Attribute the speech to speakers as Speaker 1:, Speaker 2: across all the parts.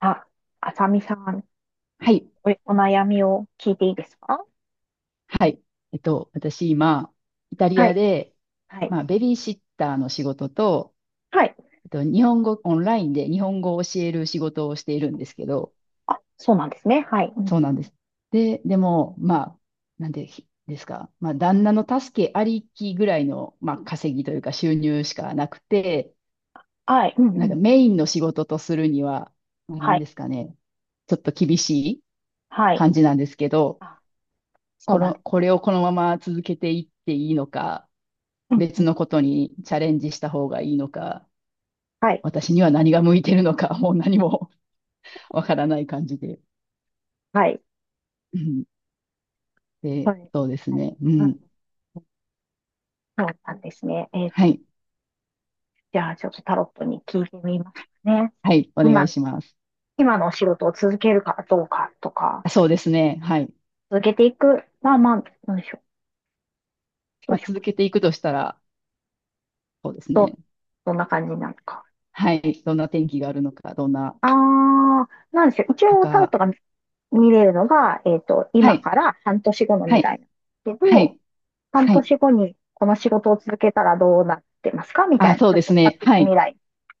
Speaker 1: あ、あさみさん、
Speaker 2: はい。
Speaker 1: お悩みを聞いていいですか？
Speaker 2: はい。私今、イタリ
Speaker 1: は
Speaker 2: ア
Speaker 1: い。
Speaker 2: で、
Speaker 1: はい。
Speaker 2: まあ、ベビーシッターの仕事と、
Speaker 1: はい。
Speaker 2: 日本語、オンラインで日本語を教える仕事をしているんですけど、
Speaker 1: そうなんですね。はい。うん。
Speaker 2: そうなんです。でも、まあ、なんでひですか、まあ、旦那の助けありきぐらいの、まあ、稼ぎというか収入しかなくて、
Speaker 1: はい。うんう
Speaker 2: なんか
Speaker 1: ん。
Speaker 2: メインの仕事とするには、まあ、な
Speaker 1: は
Speaker 2: ん
Speaker 1: い。
Speaker 2: ですかね、ちょっと厳しい
Speaker 1: はい。
Speaker 2: 感じなんですけど、
Speaker 1: あ、そうなんです
Speaker 2: こ
Speaker 1: ね。
Speaker 2: れをこのまま続けていっていいのか、
Speaker 1: うんう
Speaker 2: 別
Speaker 1: ん。
Speaker 2: のことにチャレンジした方がいいのか、
Speaker 1: はい。
Speaker 2: 私には何が向いてるのか、もう何も わからない感じで。
Speaker 1: はい。
Speaker 2: うん。
Speaker 1: そ
Speaker 2: で、
Speaker 1: う。
Speaker 2: そうです
Speaker 1: はい。
Speaker 2: ね。う
Speaker 1: う
Speaker 2: ん。
Speaker 1: ん。そうなんですね。
Speaker 2: はい。
Speaker 1: じゃあ、ちょっとタロットに聞いてみますね。
Speaker 2: はい。お願い
Speaker 1: 今、
Speaker 2: します。
Speaker 1: 今のお仕事を続けるかどうかとか、
Speaker 2: あ、そうですね。はい。
Speaker 1: 続けていく、まあまあ、どうでしょう。ど
Speaker 2: ま
Speaker 1: う
Speaker 2: あ、
Speaker 1: しよう
Speaker 2: 続
Speaker 1: か。
Speaker 2: けていくとしたら、そうです
Speaker 1: どう、
Speaker 2: ね。
Speaker 1: どんな感じなのか。
Speaker 2: はい。どんな天気があるのか、どんな、
Speaker 1: ああ、なんでしょう。一
Speaker 2: と
Speaker 1: 応タロッ
Speaker 2: か。
Speaker 1: トが見れるのが、
Speaker 2: は
Speaker 1: 今
Speaker 2: い。
Speaker 1: から半年後の
Speaker 2: は
Speaker 1: 未
Speaker 2: い。
Speaker 1: 来なんですけ
Speaker 2: は
Speaker 1: ど、
Speaker 2: い。
Speaker 1: 半
Speaker 2: はい。
Speaker 1: 年後にこの仕事を続けたらどうなってますかみた
Speaker 2: あ、
Speaker 1: いな、
Speaker 2: そう
Speaker 1: ちょ
Speaker 2: で
Speaker 1: っ
Speaker 2: す
Speaker 1: と
Speaker 2: ね。
Speaker 1: 先の
Speaker 2: はい。
Speaker 1: 未来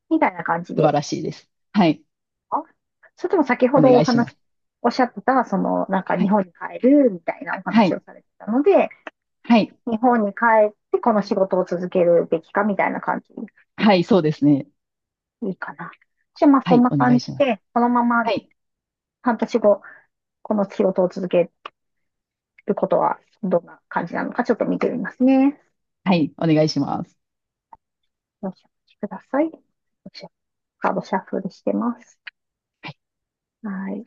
Speaker 1: みたいな感じ
Speaker 2: 素晴
Speaker 1: で。
Speaker 2: らしいです。はい。
Speaker 1: あ、それとも先ほ
Speaker 2: お
Speaker 1: ど
Speaker 2: 願いします。
Speaker 1: おっしゃってた、その、なんか
Speaker 2: は
Speaker 1: 日
Speaker 2: い。
Speaker 1: 本に帰るみたいなお
Speaker 2: は
Speaker 1: 話を
Speaker 2: い。
Speaker 1: されてたので、
Speaker 2: はい。
Speaker 1: 日本に帰ってこの仕事を続けるべきかみたいな感じ、
Speaker 2: はい。そうですね。
Speaker 1: いいかな。じゃあまあ
Speaker 2: は
Speaker 1: そん
Speaker 2: い。
Speaker 1: な
Speaker 2: お願
Speaker 1: 感
Speaker 2: いし
Speaker 1: じ
Speaker 2: ます。
Speaker 1: で、このまま
Speaker 2: はい。
Speaker 1: 半年後、この仕事を続けることはどんな感じなのかちょっと見てみますね。
Speaker 2: はい。お願いします。
Speaker 1: よろしくお待ちください。カードシャッフルしてます。
Speaker 2: はい。
Speaker 1: はい。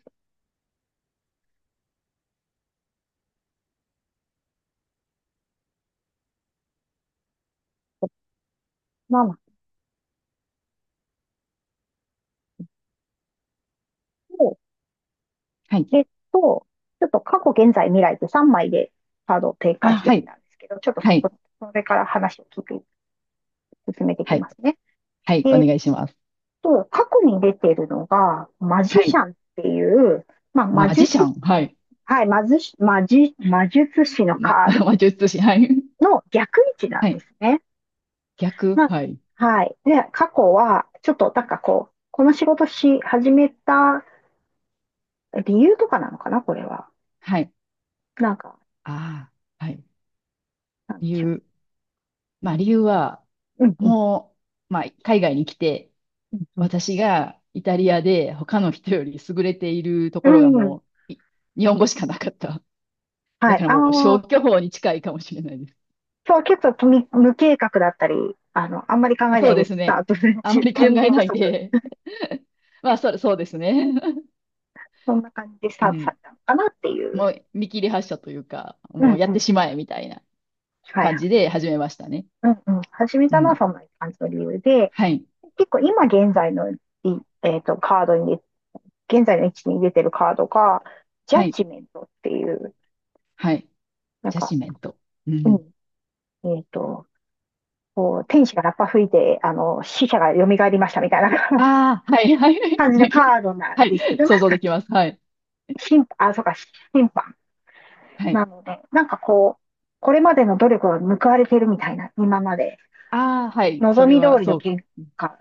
Speaker 1: ママ、
Speaker 2: はい。
Speaker 1: えっと、ちょっと過去、現在、未来でて3枚でカードを展
Speaker 2: あ、
Speaker 1: 開して
Speaker 2: は
Speaker 1: み
Speaker 2: い。
Speaker 1: たんですけど、ちょっとそ
Speaker 2: はい。
Speaker 1: こ、それから話を聞いて、進めていき
Speaker 2: はい。
Speaker 1: ますね。
Speaker 2: はい。お
Speaker 1: えっ
Speaker 2: 願いします。
Speaker 1: 過去に出てるのが、マ
Speaker 2: は
Speaker 1: ジシ
Speaker 2: い。
Speaker 1: ャンっていう、まあ、
Speaker 2: マジシャン。はい。
Speaker 1: はい、魔術師の
Speaker 2: ま、
Speaker 1: カード
Speaker 2: 魔術師。はい。
Speaker 1: の逆位置な
Speaker 2: は
Speaker 1: んで
Speaker 2: い。
Speaker 1: すね。
Speaker 2: 逆。
Speaker 1: まあ、
Speaker 2: はい。
Speaker 1: はい。で、過去は、ちょっと、なんかこう、この仕事し始めた理由とかなのかな、これは。
Speaker 2: はい。
Speaker 1: なんか、
Speaker 2: ああ、はい。
Speaker 1: なんで
Speaker 2: 理
Speaker 1: しょ
Speaker 2: 由。まあ、理由は、
Speaker 1: う。うん、うん、
Speaker 2: もう、まあ、海外に来て、
Speaker 1: うん。
Speaker 2: 私がイタリアで他の人より優れていると
Speaker 1: う
Speaker 2: ころが
Speaker 1: ん。うん。
Speaker 2: もう、日本語しかなかった。だ
Speaker 1: は
Speaker 2: か
Speaker 1: い。
Speaker 2: ら
Speaker 1: あ
Speaker 2: もう消
Speaker 1: あ、
Speaker 2: 去法に近いかもしれないです。
Speaker 1: そう、結構無計画だったり、あんまり考
Speaker 2: あ、
Speaker 1: えな
Speaker 2: そう
Speaker 1: いで
Speaker 2: で
Speaker 1: ス
Speaker 2: す
Speaker 1: タ
Speaker 2: ね。
Speaker 1: ート。 準
Speaker 2: あまり考
Speaker 1: 備
Speaker 2: え
Speaker 1: 不
Speaker 2: ない
Speaker 1: 足。
Speaker 2: で。まあ、そうですね。
Speaker 1: そんな感じでスタ
Speaker 2: う
Speaker 1: ートさ
Speaker 2: ん。
Speaker 1: れたのかなってい
Speaker 2: も
Speaker 1: う。
Speaker 2: う見切り発車というか、
Speaker 1: う
Speaker 2: もう
Speaker 1: ん
Speaker 2: や
Speaker 1: う
Speaker 2: って
Speaker 1: ん。
Speaker 2: しまえみたいな
Speaker 1: はい
Speaker 2: 感
Speaker 1: は
Speaker 2: じ
Speaker 1: い。
Speaker 2: で始めましたね。
Speaker 1: うんうん。始め
Speaker 2: う
Speaker 1: たのは
Speaker 2: ん。
Speaker 1: そんな感じの理由で、
Speaker 2: はい。
Speaker 1: 結構今現在のいえっと、カードに現在の位置に出てるカードが、ジャ
Speaker 2: は
Speaker 1: ッ
Speaker 2: い。
Speaker 1: ジメントっていう、
Speaker 2: はい。
Speaker 1: なん
Speaker 2: ジャ
Speaker 1: か、
Speaker 2: シメント。う
Speaker 1: う
Speaker 2: ん。
Speaker 1: ん、えっと、こう、天使がラッパ吹いて、死者が蘇りましたみたいな、
Speaker 2: ああ、はい、はい、はい。
Speaker 1: 感じ
Speaker 2: だ
Speaker 1: のカ
Speaker 2: け、
Speaker 1: ードなん
Speaker 2: は
Speaker 1: ですけ
Speaker 2: い。
Speaker 1: ど、
Speaker 2: 想
Speaker 1: なん
Speaker 2: 像
Speaker 1: か、
Speaker 2: できます。はい。
Speaker 1: 審判、あ、そうか、審判
Speaker 2: はい。
Speaker 1: なので、なんかこう、これまでの努力が報われてるみたいな、今まで、
Speaker 2: ああ、はい。そ
Speaker 1: 望
Speaker 2: れ
Speaker 1: み
Speaker 2: は、
Speaker 1: 通りの
Speaker 2: そう。
Speaker 1: 結果、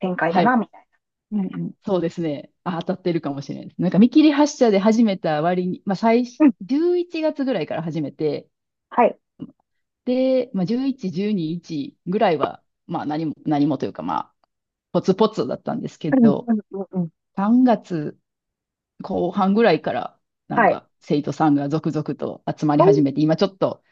Speaker 1: 展開だ
Speaker 2: は
Speaker 1: な、
Speaker 2: い。
Speaker 1: みたいな。うんうん。
Speaker 2: そうですね。あ、当たってるかもしれないです。なんか見切り発車で始めた割に、まあ最初、
Speaker 1: うん、
Speaker 2: 11月ぐらいから始めて、
Speaker 1: はい。
Speaker 2: で、まあ、11、12、1ぐらいは、まあ、何もというか、まあ、ポツポツだったんですけ
Speaker 1: うん
Speaker 2: ど、
Speaker 1: うんうんうん。
Speaker 2: 3月後半ぐらいから、なん
Speaker 1: はい。
Speaker 2: か生徒さんが続々と集まり
Speaker 1: お
Speaker 2: 始めて、
Speaker 1: ー、
Speaker 2: 今ちょっと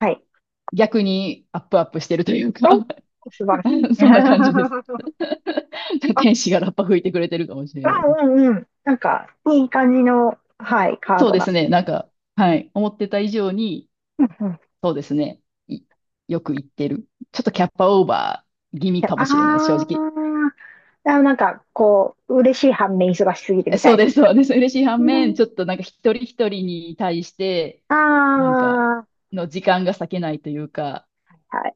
Speaker 1: はい。
Speaker 2: 逆にアップアップしてるという
Speaker 1: おー、
Speaker 2: か、
Speaker 1: 素晴らしい。
Speaker 2: そんな感じで す。
Speaker 1: あ、
Speaker 2: 天使がラッパ吹いてくれてるかもしれ
Speaker 1: あ、
Speaker 2: ないです。
Speaker 1: うんうん。なんか、いい感じの、はい、カー
Speaker 2: そう
Speaker 1: ド
Speaker 2: で
Speaker 1: な
Speaker 2: す
Speaker 1: の
Speaker 2: ね、なん
Speaker 1: で。
Speaker 2: か、はい、思ってた以上に、
Speaker 1: うんうん。
Speaker 2: そうですね、いよく言ってる。ちょっとキャッパオーバー気味かもしれないです、正
Speaker 1: ああ
Speaker 2: 直。
Speaker 1: ー、あ、なんか、こう、嬉しい反面忙しすぎて
Speaker 2: え、
Speaker 1: みた
Speaker 2: そう
Speaker 1: い
Speaker 2: です、
Speaker 1: な。
Speaker 2: そうです。嬉しい反
Speaker 1: う
Speaker 2: 面、
Speaker 1: ん。
Speaker 2: ちょっとなんか一人一人に対して、
Speaker 1: あ
Speaker 2: なんか、
Speaker 1: あ、
Speaker 2: の時間が割けないというか、
Speaker 1: は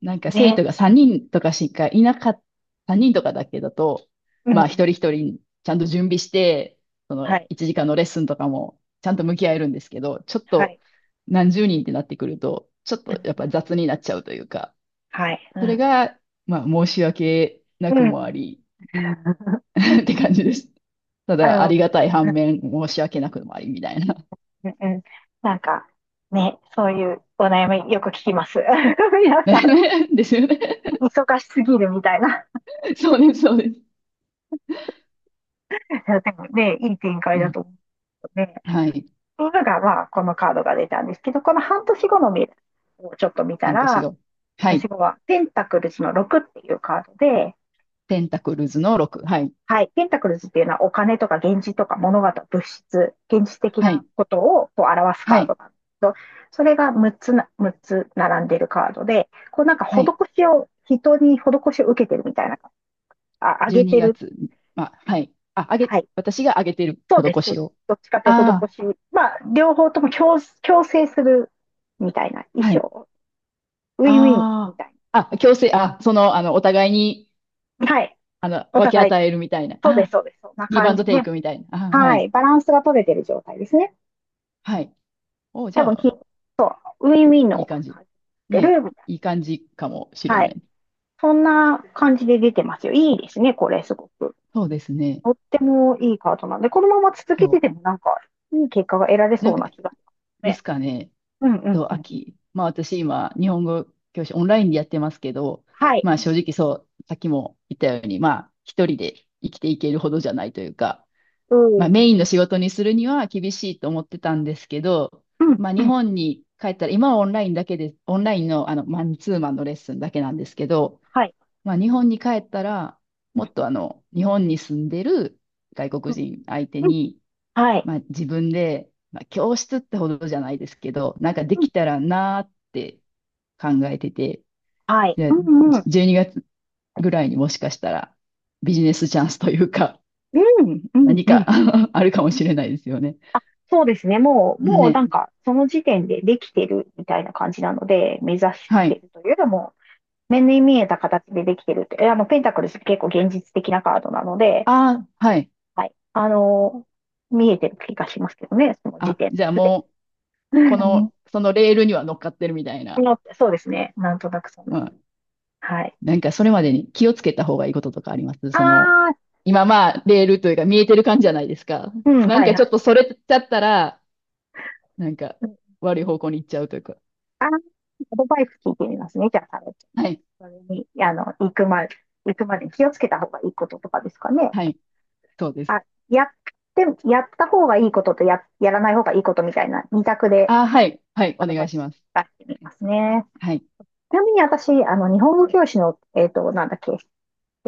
Speaker 2: なんか
Speaker 1: い。
Speaker 2: 生
Speaker 1: ね。
Speaker 2: 徒が3人とかしかいなかった、3人とかだけだと、
Speaker 1: うんう
Speaker 2: まあ一
Speaker 1: ん。
Speaker 2: 人一人ちゃんと準備して、そ
Speaker 1: は
Speaker 2: の
Speaker 1: い。
Speaker 2: 1時間のレッスンとかもちゃんと向き合えるんですけど、ちょっ
Speaker 1: は
Speaker 2: と
Speaker 1: い。
Speaker 2: 何十人ってなってくると、ちょっ
Speaker 1: う
Speaker 2: と
Speaker 1: ん
Speaker 2: やっ
Speaker 1: う
Speaker 2: ぱ
Speaker 1: ん。
Speaker 2: 雑になっちゃうというか、
Speaker 1: はい。う
Speaker 2: それ
Speaker 1: ん。
Speaker 2: が、まあ申し訳
Speaker 1: う
Speaker 2: なく
Speaker 1: んう
Speaker 2: もあ
Speaker 1: ん。
Speaker 2: り、 って感じです。た
Speaker 1: あ
Speaker 2: だあ
Speaker 1: の、
Speaker 2: りがたい
Speaker 1: う
Speaker 2: 反
Speaker 1: ん
Speaker 2: 面申し訳なくもありみたいな。
Speaker 1: うんうん。なんか、ね、そういうお悩みよく聞きます。皆さん、
Speaker 2: ね、 ですよね。
Speaker 1: 忙しすぎるみたいな。い
Speaker 2: そうです、そうです。
Speaker 1: や、でもね、いい展開
Speaker 2: う
Speaker 1: だ
Speaker 2: ん、
Speaker 1: と思うね。
Speaker 2: はい。
Speaker 1: が、まあ、このカードが出たんですけど、この半年後の未来をちょっと見た
Speaker 2: 半年
Speaker 1: ら、
Speaker 2: 後。
Speaker 1: 半
Speaker 2: は
Speaker 1: 年
Speaker 2: い。
Speaker 1: 後はペンタクルズの6っていうカードで、
Speaker 2: ペンタクルズの6。はい。
Speaker 1: はい、ペンタクルズっていうのはお金とか現実とか物事、物質、現実的
Speaker 2: は
Speaker 1: な
Speaker 2: い、
Speaker 1: ことをこう表す
Speaker 2: は
Speaker 1: カー
Speaker 2: い、
Speaker 1: ドなんですけど、それが6つな、むっつ並んでるカードで、こうなんか
Speaker 2: は
Speaker 1: 施
Speaker 2: い。
Speaker 1: しを、人に施しを受けてるみたいな、あ、あ
Speaker 2: 12
Speaker 1: げてる。
Speaker 2: 月。まあ、はい。あ、あげ、
Speaker 1: はい、
Speaker 2: 私があげてる
Speaker 1: そうです、
Speaker 2: 施
Speaker 1: そう
Speaker 2: し
Speaker 1: です。
Speaker 2: を。
Speaker 1: どっちかって
Speaker 2: あ
Speaker 1: 施し、まあ、両方とも強制するみたいな、衣
Speaker 2: あ、は
Speaker 1: 装
Speaker 2: い。
Speaker 1: をウィンウィンみ
Speaker 2: あ
Speaker 1: たい
Speaker 2: あ、あ、強制、あ、その、あの、お互いに、
Speaker 1: な。はい。
Speaker 2: あの、
Speaker 1: お
Speaker 2: 分け
Speaker 1: 互い、
Speaker 2: 与えるみたいな。
Speaker 1: そうです、
Speaker 2: あ、
Speaker 1: そうです。そんな
Speaker 2: ギブア
Speaker 1: 感
Speaker 2: ンド
Speaker 1: じ
Speaker 2: テイ
Speaker 1: で。
Speaker 2: クみたいな。あ、は
Speaker 1: は
Speaker 2: い、
Speaker 1: い。バランスが取れてる状態ですね。
Speaker 2: はい。お、じゃ
Speaker 1: 多分き、
Speaker 2: あ、
Speaker 1: そう、ウィンウィン
Speaker 2: い
Speaker 1: の
Speaker 2: い感じ。
Speaker 1: 感じて
Speaker 2: ね、
Speaker 1: るみたい
Speaker 2: いい感じかもし
Speaker 1: な。
Speaker 2: れ
Speaker 1: は
Speaker 2: な
Speaker 1: い。
Speaker 2: い。
Speaker 1: そんな感じで出てますよ。いいですね、これ、すごく。
Speaker 2: そうですね。
Speaker 1: とってもいいカードなんで、このまま続けて
Speaker 2: そ
Speaker 1: てもなんか、いい結果が得られ
Speaker 2: う。な
Speaker 1: そ
Speaker 2: ん
Speaker 1: う
Speaker 2: か、
Speaker 1: な気がします
Speaker 2: で
Speaker 1: ね。
Speaker 2: すかね。
Speaker 1: うんうん
Speaker 2: と、
Speaker 1: うん。
Speaker 2: 秋。まあ私今、日本語教師オンラインでやってますけど、
Speaker 1: はい。
Speaker 2: まあ正直そう、さっきも言ったように、まあ一人で生きていけるほどじゃないというか、
Speaker 1: う
Speaker 2: まあ
Speaker 1: ん。
Speaker 2: メインの仕事にするには厳しいと思ってたんですけど、
Speaker 1: うん
Speaker 2: まあ
Speaker 1: う
Speaker 2: 日
Speaker 1: ん。
Speaker 2: 本に帰ったら、今はオンラインだけで、オンラインのあのマンツーマンのレッスンだけなんですけど、
Speaker 1: はい。
Speaker 2: まあ日本に帰ったら、もっとあの、日本に住んでる外
Speaker 1: う
Speaker 2: 国
Speaker 1: ん
Speaker 2: 人相手
Speaker 1: うん。
Speaker 2: に、
Speaker 1: はい。
Speaker 2: まあ、自分で、まあ、教室ってほどじゃないですけど、なんかで
Speaker 1: うん。
Speaker 2: きたらなーって考えてて、
Speaker 1: はい。う
Speaker 2: で、
Speaker 1: んうん。
Speaker 2: 12月ぐらいにもしかしたらビジネスチャンスというか、
Speaker 1: うんうん
Speaker 2: 何
Speaker 1: う
Speaker 2: か
Speaker 1: ん。
Speaker 2: あるかもしれないですよね。
Speaker 1: そうですね。もうな
Speaker 2: ね。
Speaker 1: んか、その時点でできてるみたいな感じなので、目指し
Speaker 2: は
Speaker 1: て
Speaker 2: い。
Speaker 1: るというよりも、目に見えた形でできてるって、えあの、ペンタクルス結構現実的なカードなので、
Speaker 2: ああ、はい。
Speaker 1: はい。見えてる気がしますけどね、その時
Speaker 2: あ、
Speaker 1: 点で
Speaker 2: じゃあ
Speaker 1: すで
Speaker 2: もう、
Speaker 1: に。うんう
Speaker 2: そのレールには乗っかってるみたい
Speaker 1: ん、
Speaker 2: な。
Speaker 1: の、そうですね。なんとなくそん
Speaker 2: ま
Speaker 1: な。
Speaker 2: あ、
Speaker 1: はい。
Speaker 2: なんかそれまでに気をつけた方がいいこととかあります
Speaker 1: あ
Speaker 2: その、
Speaker 1: あ、
Speaker 2: 今まあ、レールというか見えてる感じじゃないですか。
Speaker 1: うん、
Speaker 2: なん
Speaker 1: はい
Speaker 2: かち
Speaker 1: は
Speaker 2: ょっ
Speaker 1: い。
Speaker 2: とそれちゃったら、なんか、
Speaker 1: うん、
Speaker 2: 悪い方向に行っちゃうというか。
Speaker 1: あー、アドバイス聞いてみますね。じゃあ、タロット、
Speaker 2: はい。
Speaker 1: それに、行くまでに気をつけた方がいいこととかですかね。
Speaker 2: はい。そうです。
Speaker 1: あ、やって、やった方がいいこととやらない方がいいことみたいな二択で
Speaker 2: あ、はい。はい。
Speaker 1: ア
Speaker 2: お
Speaker 1: ド
Speaker 2: 願
Speaker 1: バ
Speaker 2: い
Speaker 1: イス
Speaker 2: します。
Speaker 1: 出してみますね。
Speaker 2: はい。
Speaker 1: ちなみに私、日本語教師の、なんだっけ、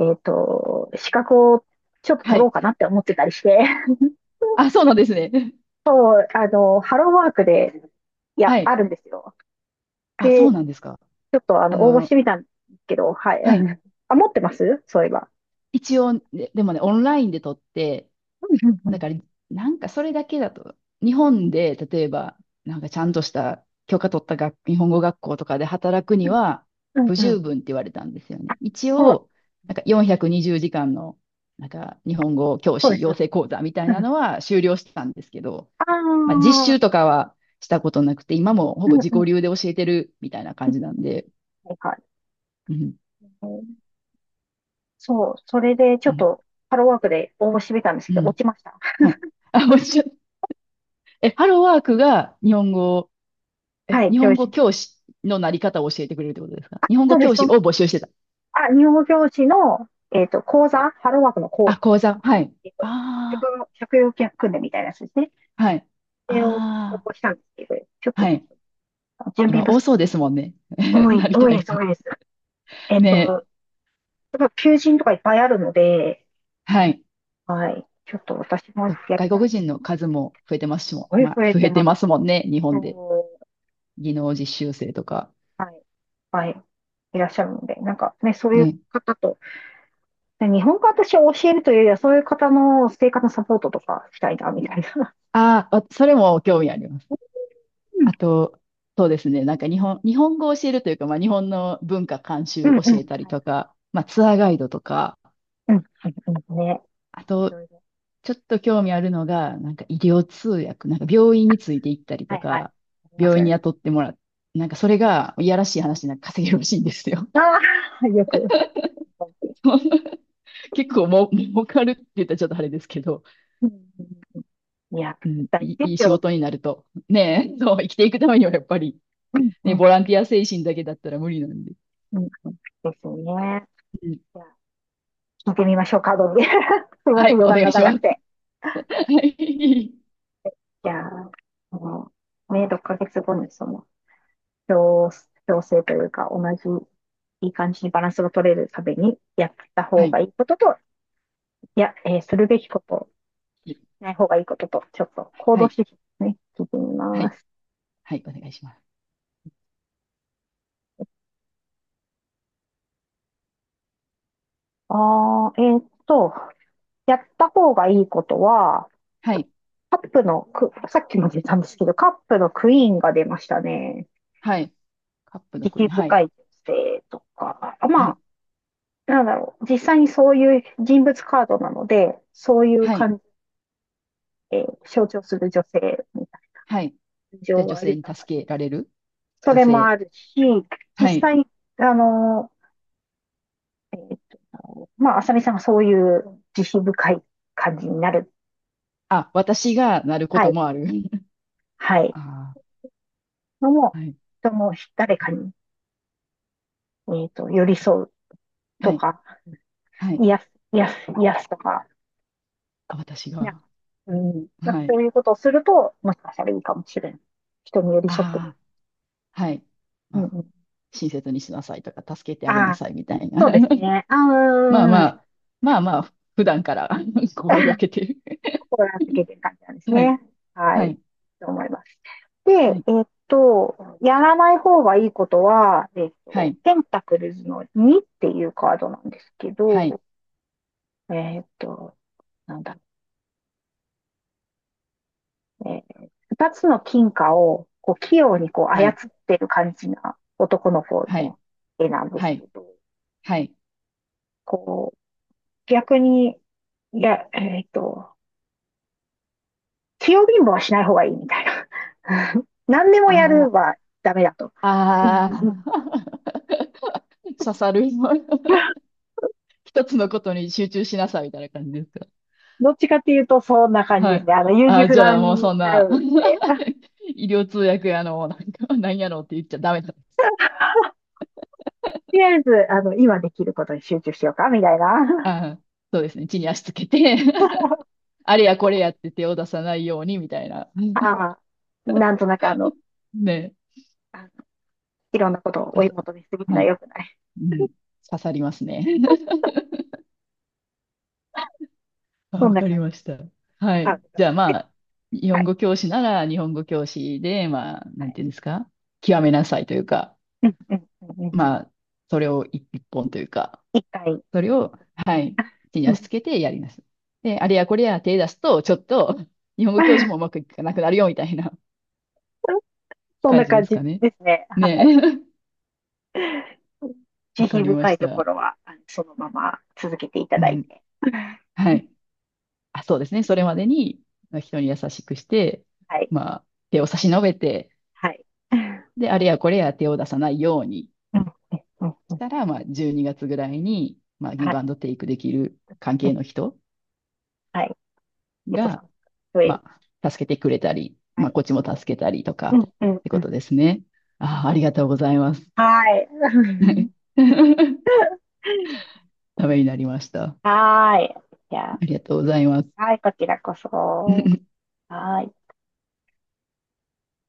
Speaker 1: 資格をちょっと
Speaker 2: は
Speaker 1: 取ろう
Speaker 2: い。
Speaker 1: かなって思ってたりして、
Speaker 2: あ、そうなんですね。
Speaker 1: そう、あの、ハローワークで、い
Speaker 2: は
Speaker 1: や、あ
Speaker 2: い。
Speaker 1: るんですよ。
Speaker 2: あ、そ
Speaker 1: で、
Speaker 2: う
Speaker 1: ち
Speaker 2: なんですか。
Speaker 1: ょっと、
Speaker 2: あ
Speaker 1: 応募し
Speaker 2: の、
Speaker 1: てみたんですけど、はい。う
Speaker 2: はい。
Speaker 1: ん、あ、持ってます、そういえば。
Speaker 2: 一
Speaker 1: う
Speaker 2: 応、でもね、オンラインで撮って、
Speaker 1: んうんう
Speaker 2: だ
Speaker 1: ん。
Speaker 2: から、なんかそれだけだと、日本で、例えば、なんかちゃんとした許可取った学日本語学校とかで働くには
Speaker 1: うん
Speaker 2: 不
Speaker 1: うん。
Speaker 2: 十分って言われたんですよ
Speaker 1: あ、
Speaker 2: ね。一
Speaker 1: そう、
Speaker 2: 応、なんか420時間の、なんか日本語教
Speaker 1: そうで
Speaker 2: 師
Speaker 1: す。そ
Speaker 2: 養
Speaker 1: うです。
Speaker 2: 成講座みたい
Speaker 1: う
Speaker 2: な
Speaker 1: ん。
Speaker 2: のは修了したんですけど、
Speaker 1: あ
Speaker 2: まあ実
Speaker 1: あ、
Speaker 2: 習とかはしたことなくて、今もほ
Speaker 1: う
Speaker 2: ぼ
Speaker 1: ん
Speaker 2: 自己
Speaker 1: うん。
Speaker 2: 流で教えてるみたいな感じなんで、
Speaker 1: はいはい。
Speaker 2: うん、
Speaker 1: そう、それでち
Speaker 2: う
Speaker 1: ょっ
Speaker 2: ん、
Speaker 1: とハローワークで応募してみたんです
Speaker 2: う
Speaker 1: けど、落
Speaker 2: ん。
Speaker 1: ちました。
Speaker 2: は い。あ、もちろん、え、ハローワークが日本語え、
Speaker 1: はい、
Speaker 2: 日
Speaker 1: 教
Speaker 2: 本語
Speaker 1: 師。
Speaker 2: 教師のなり方を教えてくれるってことですか日本
Speaker 1: そ
Speaker 2: 語
Speaker 1: うで
Speaker 2: 教
Speaker 1: す、
Speaker 2: 師
Speaker 1: その、
Speaker 2: を募集してた。
Speaker 1: あ、日本語教師の、講座、ハローワークの
Speaker 2: あ、
Speaker 1: 講、
Speaker 2: 講座。はい。
Speaker 1: えっと、職
Speaker 2: あ
Speaker 1: 業、職業訓練みたいなやつですね。
Speaker 2: あ、はい。
Speaker 1: それを応
Speaker 2: あ
Speaker 1: 募したんですけど、ちょ
Speaker 2: あ、
Speaker 1: っ
Speaker 2: は
Speaker 1: と
Speaker 2: い。
Speaker 1: 準備
Speaker 2: 今
Speaker 1: 不
Speaker 2: 多
Speaker 1: 足。
Speaker 2: そうですもんね。
Speaker 1: 多い、
Speaker 2: なり
Speaker 1: 多
Speaker 2: た
Speaker 1: い
Speaker 2: い
Speaker 1: です、
Speaker 2: 人。
Speaker 1: 多いです。
Speaker 2: ね
Speaker 1: やっぱ求人とかいっぱいあるので、
Speaker 2: え。はい。
Speaker 1: はい、ちょっと私もやり
Speaker 2: 外
Speaker 1: た
Speaker 2: 国
Speaker 1: い。
Speaker 2: 人の数も増えてますしも、
Speaker 1: 声
Speaker 2: ま
Speaker 1: 増
Speaker 2: あ、
Speaker 1: え
Speaker 2: 増
Speaker 1: て
Speaker 2: えて
Speaker 1: ます。
Speaker 2: ますもんね。日本で。
Speaker 1: そ
Speaker 2: 技能実習生とか。
Speaker 1: う、はい、はい、いらっしゃるので、なんかね、そういう
Speaker 2: ね。
Speaker 1: 方と、で日本語私を教えるというよりは、そういう方の生活のサポートとかしたいな、みたいな。
Speaker 2: ああ、わそれも興味あります。
Speaker 1: うん。
Speaker 2: あと、そうですね。なんか日本語を教えるというか、まあ日本の文化監
Speaker 1: う
Speaker 2: 修
Speaker 1: ん
Speaker 2: 教
Speaker 1: うん。
Speaker 2: えたり
Speaker 1: はい。
Speaker 2: とか、まあツアーガイドとか、
Speaker 1: うん。うんね。
Speaker 2: あ
Speaker 1: い
Speaker 2: と
Speaker 1: ろいろ。
Speaker 2: ちょっと興味あるのが、なんか医療通訳、なんか病院について行ったり
Speaker 1: は
Speaker 2: と
Speaker 1: いはい。
Speaker 2: か、
Speaker 1: あります
Speaker 2: 病
Speaker 1: よ
Speaker 2: 院に
Speaker 1: ね。
Speaker 2: 雇ってもらう。なんかそれが、いやらしい話でなんか稼げるらしいんですよ。
Speaker 1: ああ、よく。
Speaker 2: 結構もう、儲かるって言ったらちょっとあれですけど、
Speaker 1: うんうん、いや、
Speaker 2: うん、
Speaker 1: 大事で
Speaker 2: いい
Speaker 1: す
Speaker 2: 仕
Speaker 1: よ。
Speaker 2: 事になると。ねえ、そう、生きていくためにはやっぱり、
Speaker 1: うん、う
Speaker 2: ね、ボ
Speaker 1: ん、
Speaker 2: ランティア精神だけだったら無理なんで。
Speaker 1: うん、ですね。
Speaker 2: うん、
Speaker 1: じゃあ聞いてみましょうか、どうで。すみま
Speaker 2: は
Speaker 1: せん、
Speaker 2: い、
Speaker 1: 余
Speaker 2: お
Speaker 1: 談
Speaker 2: 願
Speaker 1: が
Speaker 2: いしま
Speaker 1: 長
Speaker 2: す。
Speaker 1: く
Speaker 2: は
Speaker 1: て。
Speaker 2: い。
Speaker 1: じゃあ、あのね、6ヶ月後にその、調、調整というか、同じ、いい感じにバランスが取れるために、やった
Speaker 2: は
Speaker 1: 方
Speaker 2: い。
Speaker 1: がいいことと、いや、するべきこと、
Speaker 2: で
Speaker 1: しない方がいいことと、ちょっと行
Speaker 2: は
Speaker 1: 動
Speaker 2: い。
Speaker 1: 指示ですね、聞いてみ
Speaker 2: は
Speaker 1: ま
Speaker 2: い。
Speaker 1: す。
Speaker 2: はい。お願いします。
Speaker 1: あー、えーっと、やった方がいいことは、
Speaker 2: はい。
Speaker 1: カップのク、さっきも出たんですけど、カップのクイーンが出ましたね。
Speaker 2: はい。カップ
Speaker 1: 慈
Speaker 2: の
Speaker 1: 悲
Speaker 2: 国。はい。
Speaker 1: 深い女性とか、あ、
Speaker 2: は
Speaker 1: ま
Speaker 2: い。
Speaker 1: あ、なんだろう、実際にそういう人物カードなので、そういう
Speaker 2: はい。
Speaker 1: 感じ、え象徴する女性、
Speaker 2: はい。
Speaker 1: 感
Speaker 2: じゃあ
Speaker 1: 情
Speaker 2: 女
Speaker 1: が
Speaker 2: 性に
Speaker 1: 豊かで。
Speaker 2: 助けられる
Speaker 1: そ
Speaker 2: 女
Speaker 1: れも
Speaker 2: 性。
Speaker 1: あるし、実
Speaker 2: はい。
Speaker 1: 際、あの、えーあさみさんがそういう慈悲深い感じになる。
Speaker 2: あ、私がなるこ
Speaker 1: は
Speaker 2: と
Speaker 1: い、
Speaker 2: もある。
Speaker 1: はい。
Speaker 2: あ
Speaker 1: のも、
Speaker 2: あ、はい。
Speaker 1: 人も誰かに、寄り添うと
Speaker 2: はい。
Speaker 1: か、
Speaker 2: はい。
Speaker 1: 癒す、癒す、癒すとか、
Speaker 2: あ、私
Speaker 1: なんか、
Speaker 2: が。
Speaker 1: うん、なんか
Speaker 2: はい。
Speaker 1: そういうことをすると、もしかしたらいいかもしれない。人に寄り添ってみる。
Speaker 2: ああ、はい。
Speaker 1: う
Speaker 2: ま
Speaker 1: ん
Speaker 2: あ、
Speaker 1: うん、
Speaker 2: 親切にしなさいとか、助けてあげ
Speaker 1: あ
Speaker 2: な
Speaker 1: あ、
Speaker 2: さいみたいな。
Speaker 1: そうです ね。
Speaker 2: まあまあ、まあまあ、普段から
Speaker 1: う
Speaker 2: 心が
Speaker 1: ん。
Speaker 2: けてる。
Speaker 1: 心がけて る感じなんです
Speaker 2: はい。
Speaker 1: ね。は
Speaker 2: は
Speaker 1: い。
Speaker 2: い。
Speaker 1: と思います。で、
Speaker 2: はい。
Speaker 1: やらない方がいいことは、
Speaker 2: はい。
Speaker 1: ペンタクルズの2っていうカードなんですけ
Speaker 2: はい。
Speaker 1: ど、えっと、なんだ、えー、2つの金貨をこう器用にこう
Speaker 2: は
Speaker 1: 操っ
Speaker 2: い。
Speaker 1: てる感じな男の方
Speaker 2: はい。
Speaker 1: の絵なんで
Speaker 2: は
Speaker 1: す
Speaker 2: い。
Speaker 1: けど、
Speaker 2: はい。
Speaker 1: こう、逆に、いや、器用貧乏はしない方がいいみたいな。何でもや
Speaker 2: あ
Speaker 1: る
Speaker 2: あ、
Speaker 1: はダメだと。う
Speaker 2: あ
Speaker 1: ん、
Speaker 2: あ、刺さる。一つのことに集中しなさいみたいな感じですか。
Speaker 1: どっちかっていうと、そんな感じ
Speaker 2: は
Speaker 1: です
Speaker 2: い。
Speaker 1: ね。優柔
Speaker 2: あ、
Speaker 1: 不
Speaker 2: じゃ
Speaker 1: 断
Speaker 2: あもう
Speaker 1: に
Speaker 2: そん
Speaker 1: なる
Speaker 2: な、
Speaker 1: ので、と
Speaker 2: 医療通訳やの、なんか、なんやろうって言っちゃダメだ。
Speaker 1: りあえず、今できることに集中しようか、みたいな。
Speaker 2: あ、そうですね。地に足つけて あれやこれやって手を出さないようにみたいな。
Speaker 1: ああ、なんとなくあの、
Speaker 2: ね。
Speaker 1: あのいろんなことを
Speaker 2: あ
Speaker 1: 追い
Speaker 2: さ
Speaker 1: 求めすぎるの
Speaker 2: は
Speaker 1: は
Speaker 2: い。
Speaker 1: 良くない。
Speaker 2: うん。刺さりますね。あ、
Speaker 1: そん
Speaker 2: わ
Speaker 1: な
Speaker 2: かり
Speaker 1: 感じ。
Speaker 2: ました。は
Speaker 1: あ、
Speaker 2: い。じゃあ
Speaker 1: で
Speaker 2: ま
Speaker 1: も、
Speaker 2: あ、日
Speaker 1: は
Speaker 2: 本
Speaker 1: い、
Speaker 2: 語教師なら日本語教師で、まあ、
Speaker 1: は
Speaker 2: なん
Speaker 1: い。
Speaker 2: ていうんですか。極めなさいというか、
Speaker 1: うんうんうんうん。
Speaker 2: まあ、それを一本というか。
Speaker 1: 一回、一
Speaker 2: それ
Speaker 1: 回
Speaker 2: を、
Speaker 1: こっち
Speaker 2: は
Speaker 1: で。
Speaker 2: い、地に
Speaker 1: う
Speaker 2: 足
Speaker 1: ん。
Speaker 2: つけてやります。で、あれやこれや手出すと、ちょっと、日本語教師もうまく いかなくなるよ、みたいな
Speaker 1: そん
Speaker 2: 感
Speaker 1: な
Speaker 2: じで
Speaker 1: 感
Speaker 2: す
Speaker 1: じ
Speaker 2: かね。
Speaker 1: ですね。
Speaker 2: ね
Speaker 1: はい。
Speaker 2: え。
Speaker 1: 慈
Speaker 2: わか
Speaker 1: 悲
Speaker 2: りま
Speaker 1: 深
Speaker 2: し
Speaker 1: いとこ
Speaker 2: た。
Speaker 1: ろは、あのそのまま続けていた
Speaker 2: う
Speaker 1: だい
Speaker 2: ん。
Speaker 1: て。
Speaker 2: はい。あ、そうですね。それまでに、まあ人に優しくして、
Speaker 1: はい、
Speaker 2: まあ、手を差し伸べて、
Speaker 1: はい。
Speaker 2: で、あれやこれや手を出さないように
Speaker 1: うん、うん、う
Speaker 2: し
Speaker 1: ん。
Speaker 2: たら、まあ、12月ぐらいに、まあ、ギ
Speaker 1: は
Speaker 2: ブアン
Speaker 1: い。
Speaker 2: ドテイクできる関
Speaker 1: う
Speaker 2: 係の
Speaker 1: ん。
Speaker 2: 人
Speaker 1: はい。さ
Speaker 2: が、
Speaker 1: ん。い。
Speaker 2: まあ、助けてくれたり、
Speaker 1: は
Speaker 2: まあ、
Speaker 1: い。
Speaker 2: こっちも助けたりと
Speaker 1: う
Speaker 2: かっ
Speaker 1: ん、うん、
Speaker 2: て
Speaker 1: う
Speaker 2: こ
Speaker 1: ん。
Speaker 2: とですね。ああ、ありがとうございます。
Speaker 1: はい。
Speaker 2: ためになりました。あ
Speaker 1: はーい。じゃ
Speaker 2: りがとうございます。
Speaker 1: あ、はい、こちらこそ。はーい。